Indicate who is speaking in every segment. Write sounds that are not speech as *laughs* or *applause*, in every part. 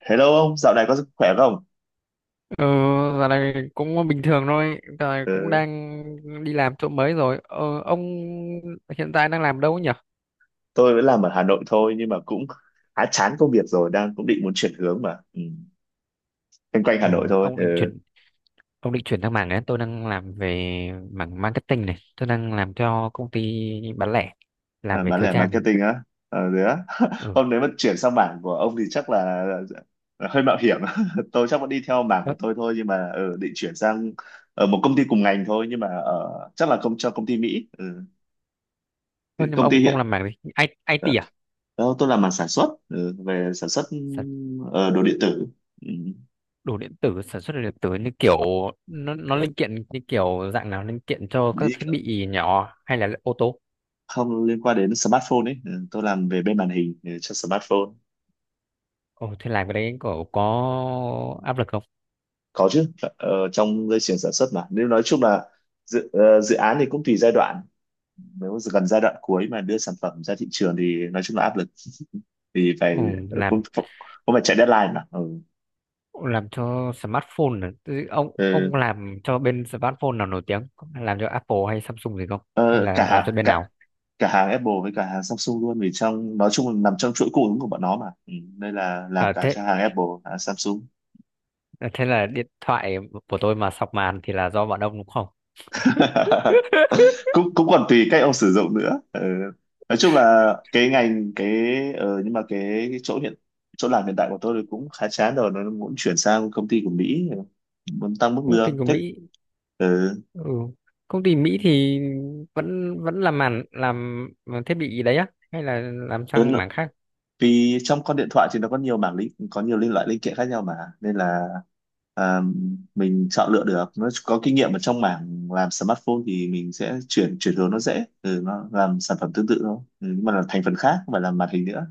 Speaker 1: Hello ông, dạo này có sức khỏe không?
Speaker 2: Ừ, giờ này cũng bình thường thôi, giờ này cũng
Speaker 1: Ừ,
Speaker 2: đang đi làm chỗ mới rồi. Ờ, ông hiện tại đang làm đâu nhỉ?
Speaker 1: tôi vẫn làm ở Hà Nội thôi nhưng mà cũng khá chán công việc rồi, đang cũng định muốn chuyển hướng mà. Ừ. Quanh quanh Hà
Speaker 2: Ừ,
Speaker 1: Nội thôi,
Speaker 2: ông định
Speaker 1: ừ.
Speaker 2: chuyển ông định chuyển sang mảng đấy. Tôi đang làm về mảng marketing, này tôi đang làm cho công ty bán lẻ,
Speaker 1: À,
Speaker 2: làm về
Speaker 1: bán
Speaker 2: thời
Speaker 1: lẻ
Speaker 2: trang.
Speaker 1: marketing á. Ờ, thế á. *laughs*
Speaker 2: ừ.
Speaker 1: Hôm nếu mà chuyển sang mảng của ông thì chắc là hơi mạo hiểm. *laughs* Tôi chắc vẫn đi theo mảng của
Speaker 2: Ờ,
Speaker 1: tôi thôi nhưng mà định chuyển sang ở một công ty cùng ngành thôi nhưng mà chắc là không cho công ty Mỹ. Ừ. Thì
Speaker 2: ờ, nhưng mà
Speaker 1: Công ty
Speaker 2: ông
Speaker 1: hiện
Speaker 2: ông làm mảng gì? I, IT
Speaker 1: ờ,
Speaker 2: à?
Speaker 1: Đó, tôi làm mảng sản xuất, về sản xuất,
Speaker 2: sản
Speaker 1: đồ điện tử.
Speaker 2: Đồ điện tử, sản xuất đồ điện tử như kiểu nó linh kiện, như kiểu dạng nào, linh kiện cho
Speaker 1: Ừ.
Speaker 2: các thiết bị nhỏ hay là ô tô?
Speaker 1: Không liên quan đến smartphone ấy. Ừ, tôi làm về bên màn hình cho smartphone.
Speaker 2: Ồ, thế làm cái đấy có áp lực.
Speaker 1: Có chứ. Trong dây chuyền sản xuất mà, nếu nói chung là dự án thì cũng tùy giai đoạn. Nếu gần giai đoạn cuối mà đưa sản phẩm ra thị trường thì nói chung là áp lực *laughs* thì phải
Speaker 2: Ừ, làm
Speaker 1: cũng cũng phải chạy deadline mà ừ.
Speaker 2: làm cho smartphone à? Thế ông
Speaker 1: Ừ.
Speaker 2: ông làm cho bên smartphone nào nổi tiếng, làm cho Apple hay Samsung gì không hay
Speaker 1: Ờ, cả
Speaker 2: là làm cho
Speaker 1: hàng
Speaker 2: bên
Speaker 1: cả
Speaker 2: nào?
Speaker 1: cả hàng Apple với cả hàng Samsung luôn, vì trong nói chung là nằm trong chuỗi cung ứng của bọn nó mà ừ. Đây là làm cả
Speaker 2: Thế
Speaker 1: cho hàng Apple, hàng Samsung.
Speaker 2: thế là điện thoại của tôi mà sọc màn thì là do bọn ông đúng không?
Speaker 1: *laughs*
Speaker 2: *laughs*
Speaker 1: cũng cũng còn tùy cách ông sử dụng nữa ừ. Nói chung là cái ngành, nhưng mà cái chỗ chỗ làm hiện tại của tôi thì cũng khá chán rồi, nó muốn chuyển sang công ty của Mỹ, muốn tăng mức
Speaker 2: Công ty
Speaker 1: lương
Speaker 2: của
Speaker 1: thích
Speaker 2: Mỹ.
Speaker 1: ừ.
Speaker 2: Ừ. Công ty Mỹ thì vẫn vẫn làm màn, làm thiết bị gì đấy á hay là làm
Speaker 1: Ừ.
Speaker 2: sang mảng khác?
Speaker 1: Vì trong con điện thoại thì nó có nhiều loại linh kiện khác nhau mà, nên là, à, mình chọn lựa được nó có kinh nghiệm ở trong mảng làm smartphone thì mình sẽ chuyển chuyển hướng nó dễ, nó làm sản phẩm tương tự thôi, nhưng mà là thành phần khác không phải là màn hình nữa,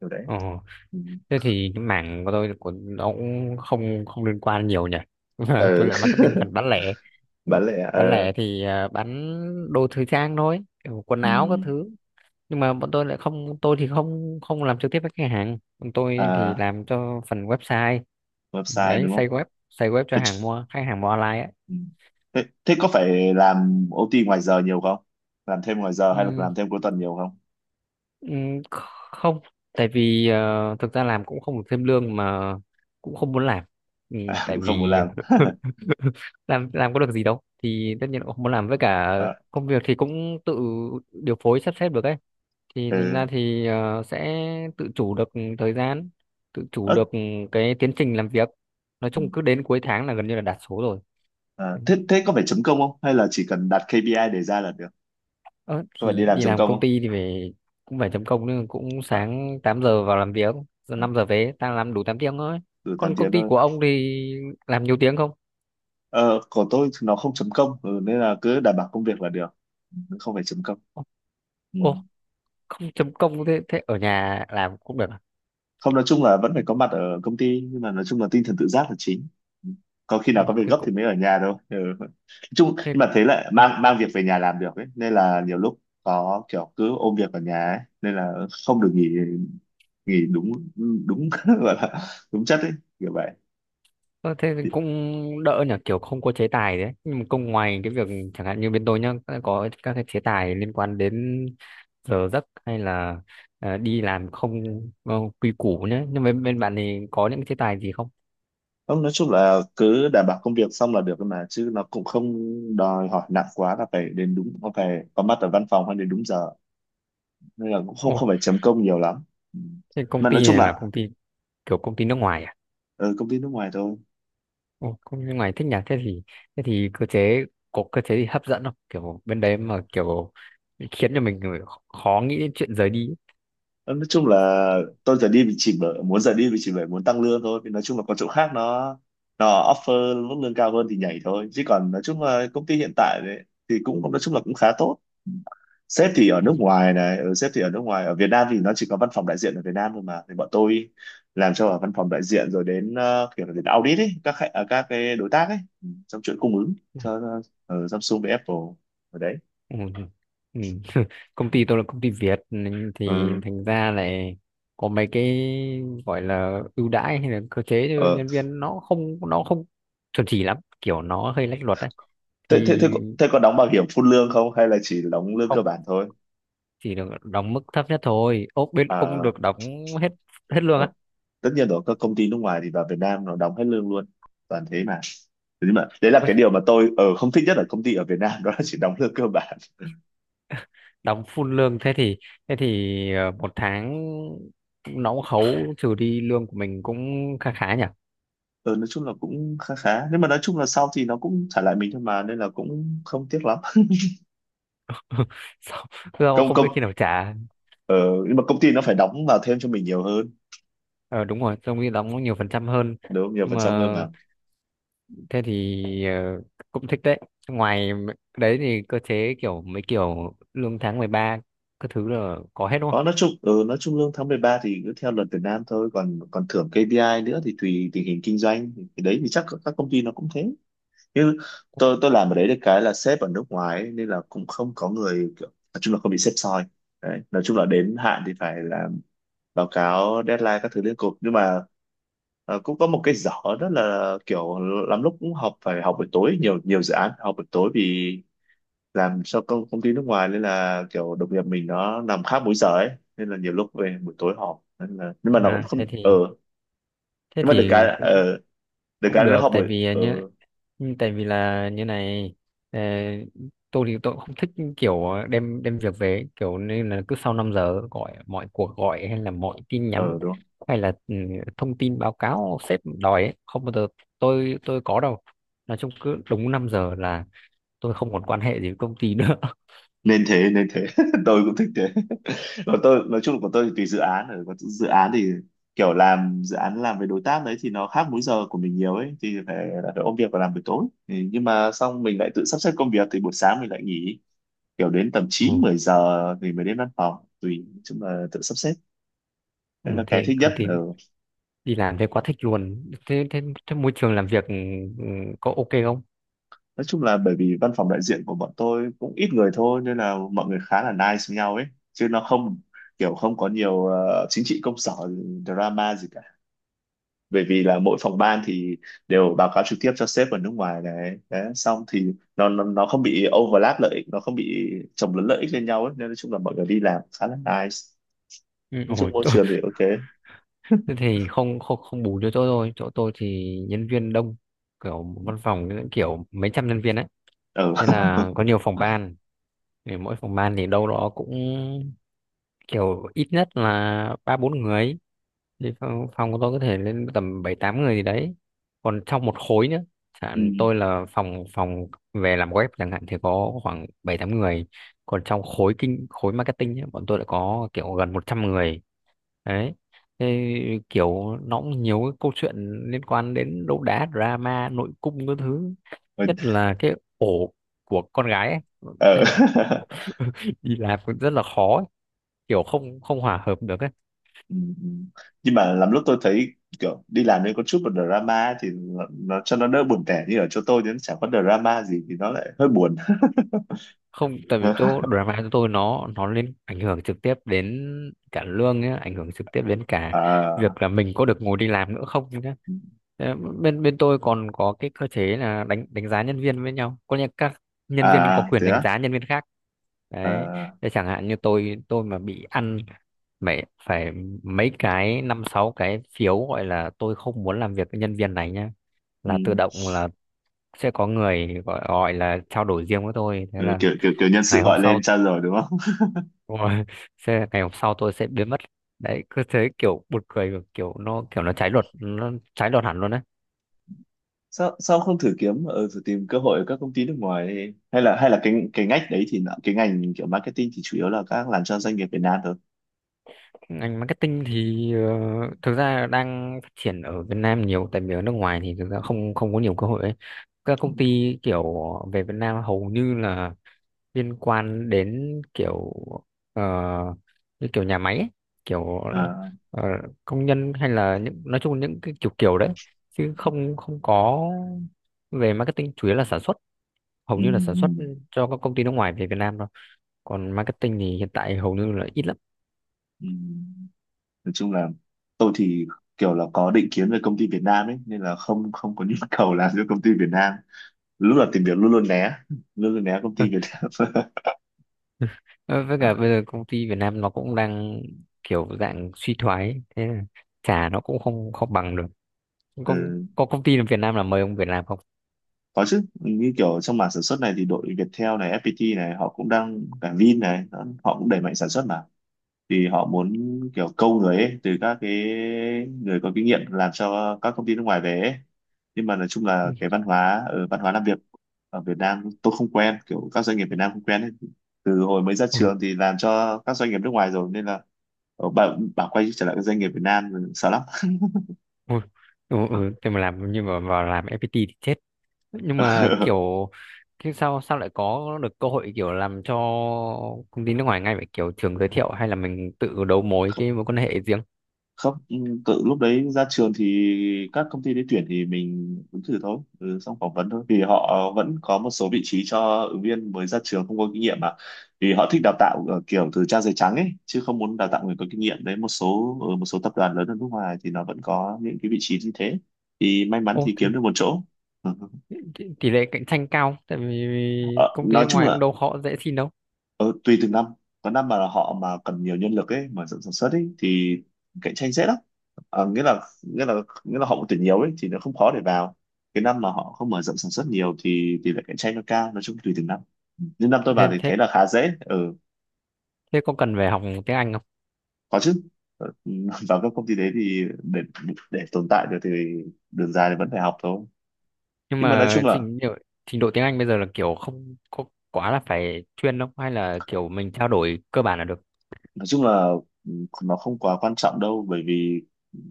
Speaker 1: kiểu đấy
Speaker 2: Ồ,
Speaker 1: ừ.
Speaker 2: thế thì cái mảng của tôi của nó cũng không không liên quan nhiều nhỉ. *laughs* Tôi
Speaker 1: Ừ.
Speaker 2: là marketing
Speaker 1: *laughs*
Speaker 2: phần bán lẻ.
Speaker 1: Bán lẻ
Speaker 2: Bán lẻ thì bán đồ thời trang thôi, kiểu quần
Speaker 1: Ừ.
Speaker 2: áo các thứ. Nhưng mà bọn tôi lại không, tôi thì không không làm trực tiếp với khách hàng, bọn tôi thì
Speaker 1: À,
Speaker 2: làm cho phần website.
Speaker 1: website
Speaker 2: Đấy,
Speaker 1: đúng
Speaker 2: xây
Speaker 1: không.
Speaker 2: web, xây web cho
Speaker 1: thế,
Speaker 2: hàng
Speaker 1: ch-
Speaker 2: mua, khách hàng mua online.
Speaker 1: ừ. thế thế có phải làm OT ngoài giờ nhiều không, làm thêm ngoài giờ hay là
Speaker 2: Ấy.
Speaker 1: làm thêm cuối tuần nhiều không?
Speaker 2: Ừm, Không, tại vì thực ra làm cũng không được thêm lương mà, cũng không muốn làm.
Speaker 1: *laughs*
Speaker 2: Tại
Speaker 1: Cũng không muốn
Speaker 2: vì
Speaker 1: làm
Speaker 2: *laughs* làm có được gì đâu thì tất nhiên cũng không muốn làm. Với cả
Speaker 1: à,
Speaker 2: công việc thì cũng tự điều phối sắp xếp được ấy, thì thành
Speaker 1: ừ.
Speaker 2: ra thì sẽ tự chủ được thời gian, tự chủ
Speaker 1: Ớ.
Speaker 2: được cái tiến trình làm việc. Nói
Speaker 1: Ừ.
Speaker 2: chung cứ đến cuối tháng là gần như là đạt số rồi.
Speaker 1: À, thế thế có phải chấm công không hay là chỉ cần đặt KPI để ra là được,
Speaker 2: Ờ,
Speaker 1: có phải đi
Speaker 2: thì
Speaker 1: làm
Speaker 2: đi
Speaker 1: chấm
Speaker 2: làm
Speaker 1: công
Speaker 2: công
Speaker 1: không?
Speaker 2: ty thì phải, cũng phải chấm công nữa, cũng
Speaker 1: à,
Speaker 2: sáng 8 giờ vào làm việc, giờ
Speaker 1: à,
Speaker 2: 5 giờ về, ta làm đủ 8 tiếng thôi.
Speaker 1: từ 8
Speaker 2: Còn công
Speaker 1: tiếng
Speaker 2: ty
Speaker 1: thôi.
Speaker 2: của ông thì làm nhiều tiếng không?
Speaker 1: Ờ, của tôi thì nó không chấm công, nên là cứ đảm bảo công việc là được. Ừ, không phải chấm công.
Speaker 2: Ô,
Speaker 1: Ừ.
Speaker 2: ô không chấm công, thế thế ở nhà làm cũng được à?
Speaker 1: Không, nói chung là vẫn phải có mặt ở công ty nhưng mà nói chung là tinh thần tự giác là chính, có khi
Speaker 2: Ừ,
Speaker 1: nào có việc
Speaker 2: thế
Speaker 1: gấp
Speaker 2: cũng,
Speaker 1: thì mới ở nhà đâu ừ. Nói chung
Speaker 2: thế
Speaker 1: nhưng mà thế lại mang mang việc về nhà làm được ấy, nên là nhiều lúc có kiểu cứ ôm việc ở nhà ấy nên là không được nghỉ, nghỉ đúng, đúng *laughs* gọi là đúng chất ấy, kiểu vậy.
Speaker 2: ờ, thế thì cũng đỡ nhỉ, kiểu không có chế tài đấy. Nhưng mà công ngoài cái việc, chẳng hạn như bên tôi nhá, có các cái chế tài liên quan đến giờ giấc hay là đi làm không ờ, quy củ nhé. Nhưng mà bên bạn thì có những chế tài gì không?
Speaker 1: Không, nói chung là cứ đảm bảo công việc xong là được thôi mà, chứ nó cũng không đòi hỏi nặng quá là phải đến đúng, không phải có mặt ở văn phòng hay đến đúng giờ, nên là cũng không
Speaker 2: Ồ,
Speaker 1: không phải chấm công nhiều lắm. Ừ.
Speaker 2: thế công
Speaker 1: Mà nói
Speaker 2: ty
Speaker 1: chung
Speaker 2: này là
Speaker 1: là
Speaker 2: công ty kiểu công ty nước ngoài à?
Speaker 1: ở công ty nước ngoài thôi.
Speaker 2: Ồ, công ty nước ngoài thích nhỉ? Thế thì cơ chế, có cơ chế gì hấp dẫn không? Kiểu bên đấy mà kiểu khiến cho mình khó nghĩ đến chuyện rời đi.
Speaker 1: Ờ, nói chung là tôi giờ đi vì chỉ bởi muốn tăng lương thôi. Vì nói chung là có chỗ khác nó offer mức lương cao hơn thì nhảy thôi, chứ còn nói chung là công ty hiện tại đấy thì cũng nói chung là cũng khá tốt. Sếp thì ở
Speaker 2: Ấy.
Speaker 1: nước ngoài này, ừ, sếp thì ở nước ngoài ở Việt Nam thì nó chỉ có văn phòng đại diện ở Việt Nam thôi mà, thì bọn tôi làm cho ở văn phòng đại diện, rồi đến kiểu là đến audit ấy các cái đối tác ấy, trong chuỗi cung ứng
Speaker 2: Ừ.
Speaker 1: cho Samsung với Apple ở đấy.
Speaker 2: Ừ. Ừ. *laughs* Công ty tôi là công ty Việt nên thì
Speaker 1: Ừ.
Speaker 2: thành ra lại có mấy cái gọi là ưu đãi hay là cơ chế cho
Speaker 1: Ờ.
Speaker 2: nhân viên, nó không, nó không chuẩn chỉ lắm, kiểu nó hơi lách luật đấy.
Speaker 1: thế, thế,
Speaker 2: Thì
Speaker 1: thế, có- thế có đóng bảo hiểm phun lương không hay là chỉ đóng lương cơ
Speaker 2: không,
Speaker 1: bản thôi?
Speaker 2: chỉ được đóng mức thấp nhất thôi. Ốp bên ông
Speaker 1: À,
Speaker 2: được đóng hết hết lương.
Speaker 1: ờ, tất nhiên rồi, các công ty nước ngoài thì vào Việt Nam nó đóng hết lương luôn, toàn thế mà. Thế nhưng mà đấy là
Speaker 2: Ui,
Speaker 1: cái điều mà tôi ở không thích nhất ở công ty ở Việt Nam, đó là chỉ đóng lương cơ bản.
Speaker 2: đóng full lương thế thì, thế thì một tháng nó cũng khấu trừ đi lương của mình cũng khá khá nhỉ.
Speaker 1: Ờ, nói chung là cũng khá khá, nhưng mà nói chung là sau thì nó cũng trả lại mình thôi mà, nên là cũng không tiếc lắm.
Speaker 2: *laughs* Sao, sao
Speaker 1: Công
Speaker 2: không
Speaker 1: công
Speaker 2: biết khi nào trả?
Speaker 1: ờ, Nhưng mà công ty nó phải đóng vào thêm cho mình nhiều hơn
Speaker 2: Ờ đúng rồi, trong khi đóng nhiều phần trăm hơn.
Speaker 1: đúng không? Nhiều
Speaker 2: Nhưng
Speaker 1: phần
Speaker 2: mà
Speaker 1: trăm hơn mà.
Speaker 2: thế thì cũng thích đấy. Ngoài đấy thì cơ chế kiểu mấy kiểu lương tháng 13 các thứ là có hết đúng không?
Speaker 1: Có, nói chung lương tháng 13 thì cứ theo luật Việt Nam thôi, còn còn thưởng KPI nữa thì tùy tình hình kinh doanh, thì đấy thì chắc các công ty nó cũng thế chứ. Tôi làm ở đấy được cái là sếp ở nước ngoài ấy, nên là cũng không có người kiểu, nói chung là không bị sếp soi, đấy nói chung là đến hạn thì phải làm báo cáo deadline các thứ liên cục, nhưng mà cũng có một cái dở, đó là kiểu lắm lúc cũng học phải học buổi tối nhiều, nhiều dự án phải học buổi tối vì làm cho công công ty nước ngoài, nên là kiểu đồng nghiệp mình nó nằm khác múi giờ ấy, nên là nhiều lúc về buổi tối họp, nên là nhưng mà nó cũng
Speaker 2: à,
Speaker 1: không
Speaker 2: thế thì thế
Speaker 1: nhưng mà
Speaker 2: thì cũng,
Speaker 1: được
Speaker 2: cũng
Speaker 1: cái là nó
Speaker 2: được
Speaker 1: họp
Speaker 2: tại
Speaker 1: buổi
Speaker 2: vì nhá. Ừ, tại vì là như này, ờ, tôi thì tôi cũng không thích kiểu đem đem việc về ấy, kiểu, nên là cứ sau 5 giờ, gọi mọi cuộc gọi hay là mọi tin nhắn
Speaker 1: ờ đúng.
Speaker 2: hay là thông tin báo cáo sếp đòi ấy, không bao giờ tôi có đâu. Nói chung cứ đúng 5 giờ là tôi không còn quan hệ gì với công ty nữa. *laughs*
Speaker 1: Nên thế *laughs* tôi cũng thích thế. Còn tôi nói chung là của tôi thì tùy dự án rồi, còn dự án thì kiểu làm dự án làm với đối tác đấy thì nó khác múi giờ của mình nhiều ấy thì phải ôm việc và làm buổi tối thì, nhưng mà xong mình lại tự sắp xếp công việc thì buổi sáng mình lại nghỉ, kiểu đến tầm chín
Speaker 2: ừ.
Speaker 1: 10 giờ thì mới đến văn phòng, tùy, nói chung là tự sắp xếp.
Speaker 2: Ừ,
Speaker 1: Đấy là cái
Speaker 2: thế
Speaker 1: thích nhất
Speaker 2: công ty
Speaker 1: ở.
Speaker 2: đi làm thế quá thích luôn. Thế thế, thế môi trường làm việc ừ, có ok không?
Speaker 1: Nói chung là bởi vì văn phòng đại diện của bọn tôi cũng ít người thôi, nên là mọi người khá là nice với nhau ấy, chứ nó không kiểu, không có nhiều chính trị công sở, drama gì cả, bởi vì là mỗi phòng ban thì đều báo cáo trực tiếp cho sếp ở nước ngoài này đấy, xong thì nó không bị overlap lợi ích, nó không bị chồng lấn lợi ích lên nhau ấy, nên nói chung là mọi người đi làm khá là nice,
Speaker 2: Ừ,
Speaker 1: nói chung
Speaker 2: ôi,
Speaker 1: môi trường thì ok.
Speaker 2: thế thì không, không bù cho chỗ tôi. Chỗ tôi thì nhân viên đông, kiểu văn phòng những kiểu mấy trăm nhân viên ấy,
Speaker 1: Ừ.
Speaker 2: nên là có nhiều phòng ban. Thì mỗi phòng ban thì đâu đó cũng kiểu ít nhất là 3 4 người. Thì phòng của tôi có thể lên tầm 7 8 người gì đấy, còn trong một khối nữa.
Speaker 1: *laughs* Ừ.
Speaker 2: Chẳng tôi là phòng phòng về làm web chẳng hạn thì có khoảng 7 8 người, còn trong khối kinh, khối marketing ấy, bọn tôi lại có kiểu gần 100 người. Đấy, thế kiểu nó cũng nhiều cái câu chuyện liên quan đến đấu đá drama nội cung các thứ.
Speaker 1: Ừ.
Speaker 2: Nhất là cái ổ của con gái ấy.
Speaker 1: Ừ.
Speaker 2: Thế là *laughs*
Speaker 1: *laughs*
Speaker 2: đi làm cũng rất là khó ấy. Kiểu không không hòa hợp được ấy.
Speaker 1: Ừ. Ừ. Nhưng mà lắm lúc tôi thấy kiểu đi làm nên có chút một drama ấy thì nó cho nó đỡ buồn tẻ, như ở chỗ tôi thì nó chẳng có drama gì thì nó lại hơi buồn.
Speaker 2: Không, tại vì
Speaker 1: *laughs*
Speaker 2: chỗ drama của tôi, nó ảnh hưởng trực tiếp đến cả lương nhá, ảnh hưởng trực tiếp đến cả
Speaker 1: À,
Speaker 2: việc là mình có được ngồi đi làm nữa không nhá. Thế bên bên tôi còn có cái cơ chế là đánh đánh giá nhân viên với nhau, có nghĩa các nhân viên có
Speaker 1: à
Speaker 2: quyền
Speaker 1: thế
Speaker 2: đánh
Speaker 1: á.
Speaker 2: giá nhân viên khác. Đấy,
Speaker 1: À,
Speaker 2: thế chẳng hạn như tôi mà bị ăn phải phải mấy cái 5 6 cái phiếu, gọi là tôi không muốn làm việc với nhân viên này nhá,
Speaker 1: ừ.
Speaker 2: là tự động là sẽ có người gọi, gọi là trao đổi riêng với tôi. Thế
Speaker 1: Ừ,
Speaker 2: là
Speaker 1: kiểu kiểu kiểu nhân sự
Speaker 2: ngày hôm
Speaker 1: gọi
Speaker 2: sau
Speaker 1: lên tra rồi đúng không? *laughs*
Speaker 2: rồi. *laughs* Thế ngày hôm sau tôi sẽ biến mất. Đấy, cứ thế kiểu buồn cười và kiểu nó, kiểu nó trái luật, nó trái luật hẳn luôn đấy.
Speaker 1: Sao sao không thử kiếm ở thử tìm cơ hội ở các công ty nước ngoài đi? Hay là hay là cái ngách đấy thì cái ngành kiểu marketing thì chủ yếu là các làm cho doanh nghiệp Việt Nam thôi.
Speaker 2: Ngành marketing thì thực ra đang phát triển ở Việt Nam nhiều, tại vì ở nước ngoài thì thực ra không không có nhiều cơ hội ấy. Các công ty kiểu về Việt Nam hầu như là liên quan đến kiểu ờ, như kiểu nhà máy ấy, kiểu
Speaker 1: À,
Speaker 2: ờ, công nhân hay là những nói chung những cái kiểu kiểu đấy, chứ không không có. Về marketing chủ yếu là sản xuất, hầu
Speaker 1: ừ,
Speaker 2: như là sản
Speaker 1: ừ,
Speaker 2: xuất cho các công ty nước ngoài về Việt Nam thôi. Còn marketing thì hiện tại hầu như là ít lắm.
Speaker 1: ừ. Nói chung là tôi thì kiểu là có định kiến về công ty Việt Nam ấy, nên là không không có nhu cầu làm cho công ty Việt Nam. Lúc là tìm việc luôn luôn né, *laughs* luôn luôn né công ty Việt
Speaker 2: *laughs*
Speaker 1: Nam.
Speaker 2: Ờ, với cả bây
Speaker 1: *laughs*
Speaker 2: giờ công ty Việt Nam nó cũng đang kiểu dạng suy thoái ấy. Thế là trả nó cũng không không bằng được. có,
Speaker 1: Ừ.
Speaker 2: có công ty Việt Nam là mời ông Việt Nam không?
Speaker 1: Có chứ, như kiểu trong mảng sản xuất này thì đội Viettel này, FPT này, họ cũng đang, cả Vin này đó, họ cũng đẩy mạnh sản xuất mà, thì họ muốn kiểu câu người ấy, từ các cái người có kinh nghiệm làm cho các công ty nước ngoài về ấy. Nhưng mà nói chung là
Speaker 2: ừ,
Speaker 1: cái văn hóa làm việc ở Việt Nam tôi không quen, kiểu các doanh nghiệp Việt Nam không quen ấy, từ hồi mới ra
Speaker 2: ừ,
Speaker 1: trường thì làm cho các doanh nghiệp nước ngoài rồi, nên là bảo quay trở lại các doanh nghiệp Việt Nam sợ lắm.
Speaker 2: ừ, ừ. Thế mà làm, nhưng mà vào làm FPT thì chết. Nhưng mà kiểu, thế sao sao lại có được cơ hội kiểu làm cho công ty nước ngoài ngay vậy, kiểu trường giới thiệu hay là mình tự đấu mối cái
Speaker 1: *laughs*
Speaker 2: mối quan hệ riêng?
Speaker 1: Không, tự lúc đấy ra trường thì các công ty đấy tuyển thì mình ứng thử thôi, xong phỏng vấn thôi vì họ vẫn có một số vị trí cho ứng viên mới ra trường không có kinh nghiệm mà, vì họ thích đào tạo ở kiểu từ trang giấy trắng ấy chứ không muốn đào tạo người có kinh nghiệm, đấy một số ở một số tập đoàn lớn ở nước ngoài thì nó vẫn có những cái vị trí như thế, thì may mắn
Speaker 2: Ô,
Speaker 1: thì kiếm được một chỗ. *laughs*
Speaker 2: tỷ tỷ lệ cạnh tranh cao, tại vì
Speaker 1: Ờ,
Speaker 2: công ty
Speaker 1: nói
Speaker 2: nước
Speaker 1: chung
Speaker 2: ngoài cũng
Speaker 1: là
Speaker 2: đâu khó dễ xin đâu.
Speaker 1: Ờ, tùy từng năm, có năm mà họ mà cần nhiều nhân lực ấy, mở rộng sản xuất ấy thì cạnh tranh dễ lắm, à, nghĩa là họ cũng tuyển nhiều ấy thì nó không khó để vào, cái năm mà họ không mở rộng sản xuất nhiều thì tỷ lệ cạnh tranh nó cao, nói chung tùy từng năm. Nhưng năm tôi vào
Speaker 2: thế
Speaker 1: thì
Speaker 2: thế
Speaker 1: thấy là khá dễ ừ.
Speaker 2: thế có cần phải học tiếng Anh không?
Speaker 1: Có chứ. Ờ, *laughs* vào các công ty đấy thì để tồn tại được thì đường dài thì vẫn phải học thôi.
Speaker 2: Nhưng
Speaker 1: Nhưng mà nói
Speaker 2: mà
Speaker 1: chung là
Speaker 2: trình độ tiếng Anh bây giờ là kiểu không có quá là phải chuyên đâu, hay là kiểu mình trao đổi cơ bản là được.
Speaker 1: nói chung là ừ, nó không quá quan trọng đâu bởi vì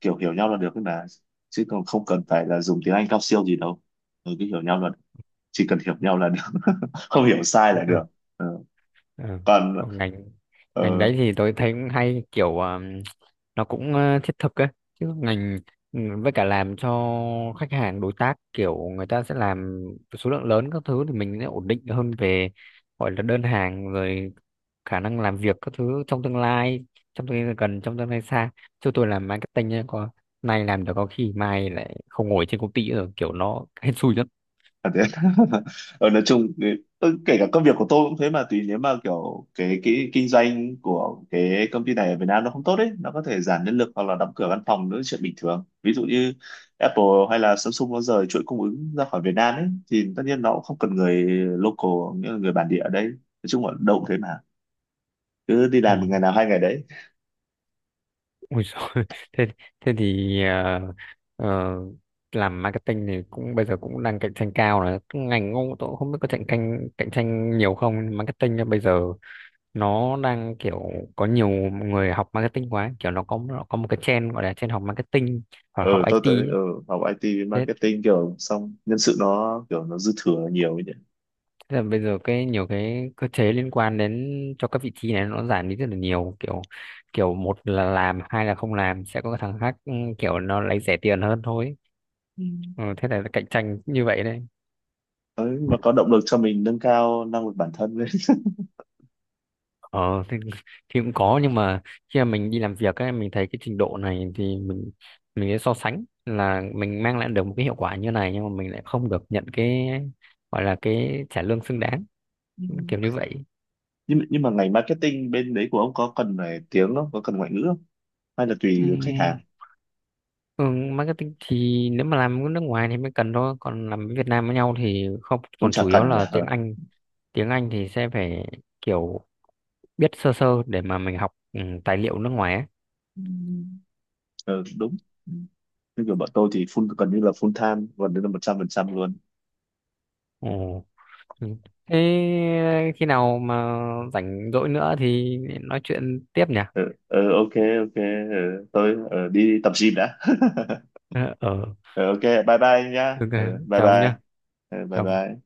Speaker 1: kiểu hiểu nhau là được ấy mà, chứ còn không cần phải là dùng tiếng Anh cao siêu gì đâu. Ừ, cứ hiểu nhau là chỉ cần hiểu nhau là được. *laughs* Không hiểu sai
Speaker 2: ờ,
Speaker 1: là
Speaker 2: ờ,
Speaker 1: được. Ừ.
Speaker 2: ờ.
Speaker 1: còn
Speaker 2: Còn ngành
Speaker 1: ờ,
Speaker 2: ngành đấy thì tôi thấy cũng hay, kiểu nó cũng thiết thực ấy, chứ ngành, ừ, với cả làm cho khách hàng đối tác kiểu người ta sẽ làm số lượng lớn các thứ thì mình sẽ ổn định hơn về gọi là đơn hàng rồi khả năng làm việc các thứ trong tương lai, trong tương lai gần, trong tương lai xa. Chứ tôi làm marketing nhá, có nay làm được có khi mai lại không ngồi trên công ty nữa rồi, kiểu nó *laughs* hên xui lắm.
Speaker 1: À, thế. *laughs* Ờ, nói chung kể cả công việc của tôi cũng thế mà, tùy, nếu mà kiểu cái kinh doanh của cái công ty này ở Việt Nam nó không tốt ấy, nó có thể giảm nhân lực hoặc là đóng cửa văn phòng nữa, chuyện bình thường, ví dụ như Apple hay là Samsung nó rời chuỗi cung ứng ra khỏi Việt Nam ấy thì tất nhiên nó cũng không cần người local, nghĩa là người bản địa ở đây, nói chung là đâu cũng thế mà, cứ đi
Speaker 2: Ừ.
Speaker 1: làm ngày nào hai ngày đấy.
Speaker 2: Ôi giời. *laughs* thế thế thì ờ, làm marketing thì cũng bây giờ cũng đang cạnh tranh cao rồi. Cái ngành ông tôi cũng không biết có cạnh tranh nhiều không, nhưng marketing á, bây giờ nó đang kiểu có nhiều người học marketing quá, kiểu nó có một cái trend, gọi là trend học marketing hoặc là học
Speaker 1: Ừ, tôi tới,
Speaker 2: IT ấy.
Speaker 1: học IT
Speaker 2: Thế
Speaker 1: marketing kiểu xong nhân sự nó kiểu nó dư thừa nhiều ấy.
Speaker 2: Thế là bây giờ cái nhiều cái cơ chế liên quan đến cho các vị trí này nó giảm đi rất là nhiều, kiểu kiểu một là làm, hai là không làm sẽ có cái thằng khác, kiểu nó lấy rẻ tiền hơn thôi.
Speaker 1: Nhỉ.
Speaker 2: Ừ, thế là cạnh tranh như vậy đấy.
Speaker 1: Đấy, mà có động lực cho mình nâng cao năng lực bản thân lên. *laughs*
Speaker 2: Ờ thì, *laughs* thì cũng có. Nhưng mà khi mà mình đi làm việc ấy, mình thấy cái trình độ này thì mình sẽ so sánh là mình mang lại được một cái hiệu quả như này nhưng mà mình lại không được nhận cái gọi là cái trả lương xứng đáng,
Speaker 1: Ừ.
Speaker 2: kiểu như vậy.
Speaker 1: Nhưng mà ngành marketing bên đấy của ông có cần ngoại ngữ không, hay là
Speaker 2: Ừ.
Speaker 1: tùy khách hàng?
Speaker 2: Ừ, marketing thì nếu mà làm ở nước ngoài thì mới cần thôi, còn làm với Việt Nam với nhau thì không,
Speaker 1: Cũng
Speaker 2: còn
Speaker 1: chả
Speaker 2: chủ yếu
Speaker 1: cần nhỉ.
Speaker 2: là
Speaker 1: *laughs*
Speaker 2: tiếng
Speaker 1: Ờ.
Speaker 2: Anh. Tiếng Anh thì sẽ phải kiểu biết sơ sơ để mà mình học tài liệu nước ngoài ấy.
Speaker 1: Ừ. Ờ, đúng. Ừ. Như kiểu bọn tôi thì full time gần như là 100% luôn.
Speaker 2: Ồ. ừ. Thế khi nào mà rảnh rỗi nữa thì nói chuyện tiếp nhỉ?
Speaker 1: ờ, ok ok, tôi đi tập gym đã. *laughs*
Speaker 2: Ờ, ờ.
Speaker 1: Ờ, ok, bye bye nhá.
Speaker 2: Được
Speaker 1: Ờ,
Speaker 2: rồi.
Speaker 1: Bye
Speaker 2: Chào ông
Speaker 1: bye.
Speaker 2: nhá.
Speaker 1: Bye
Speaker 2: Chào
Speaker 1: bye.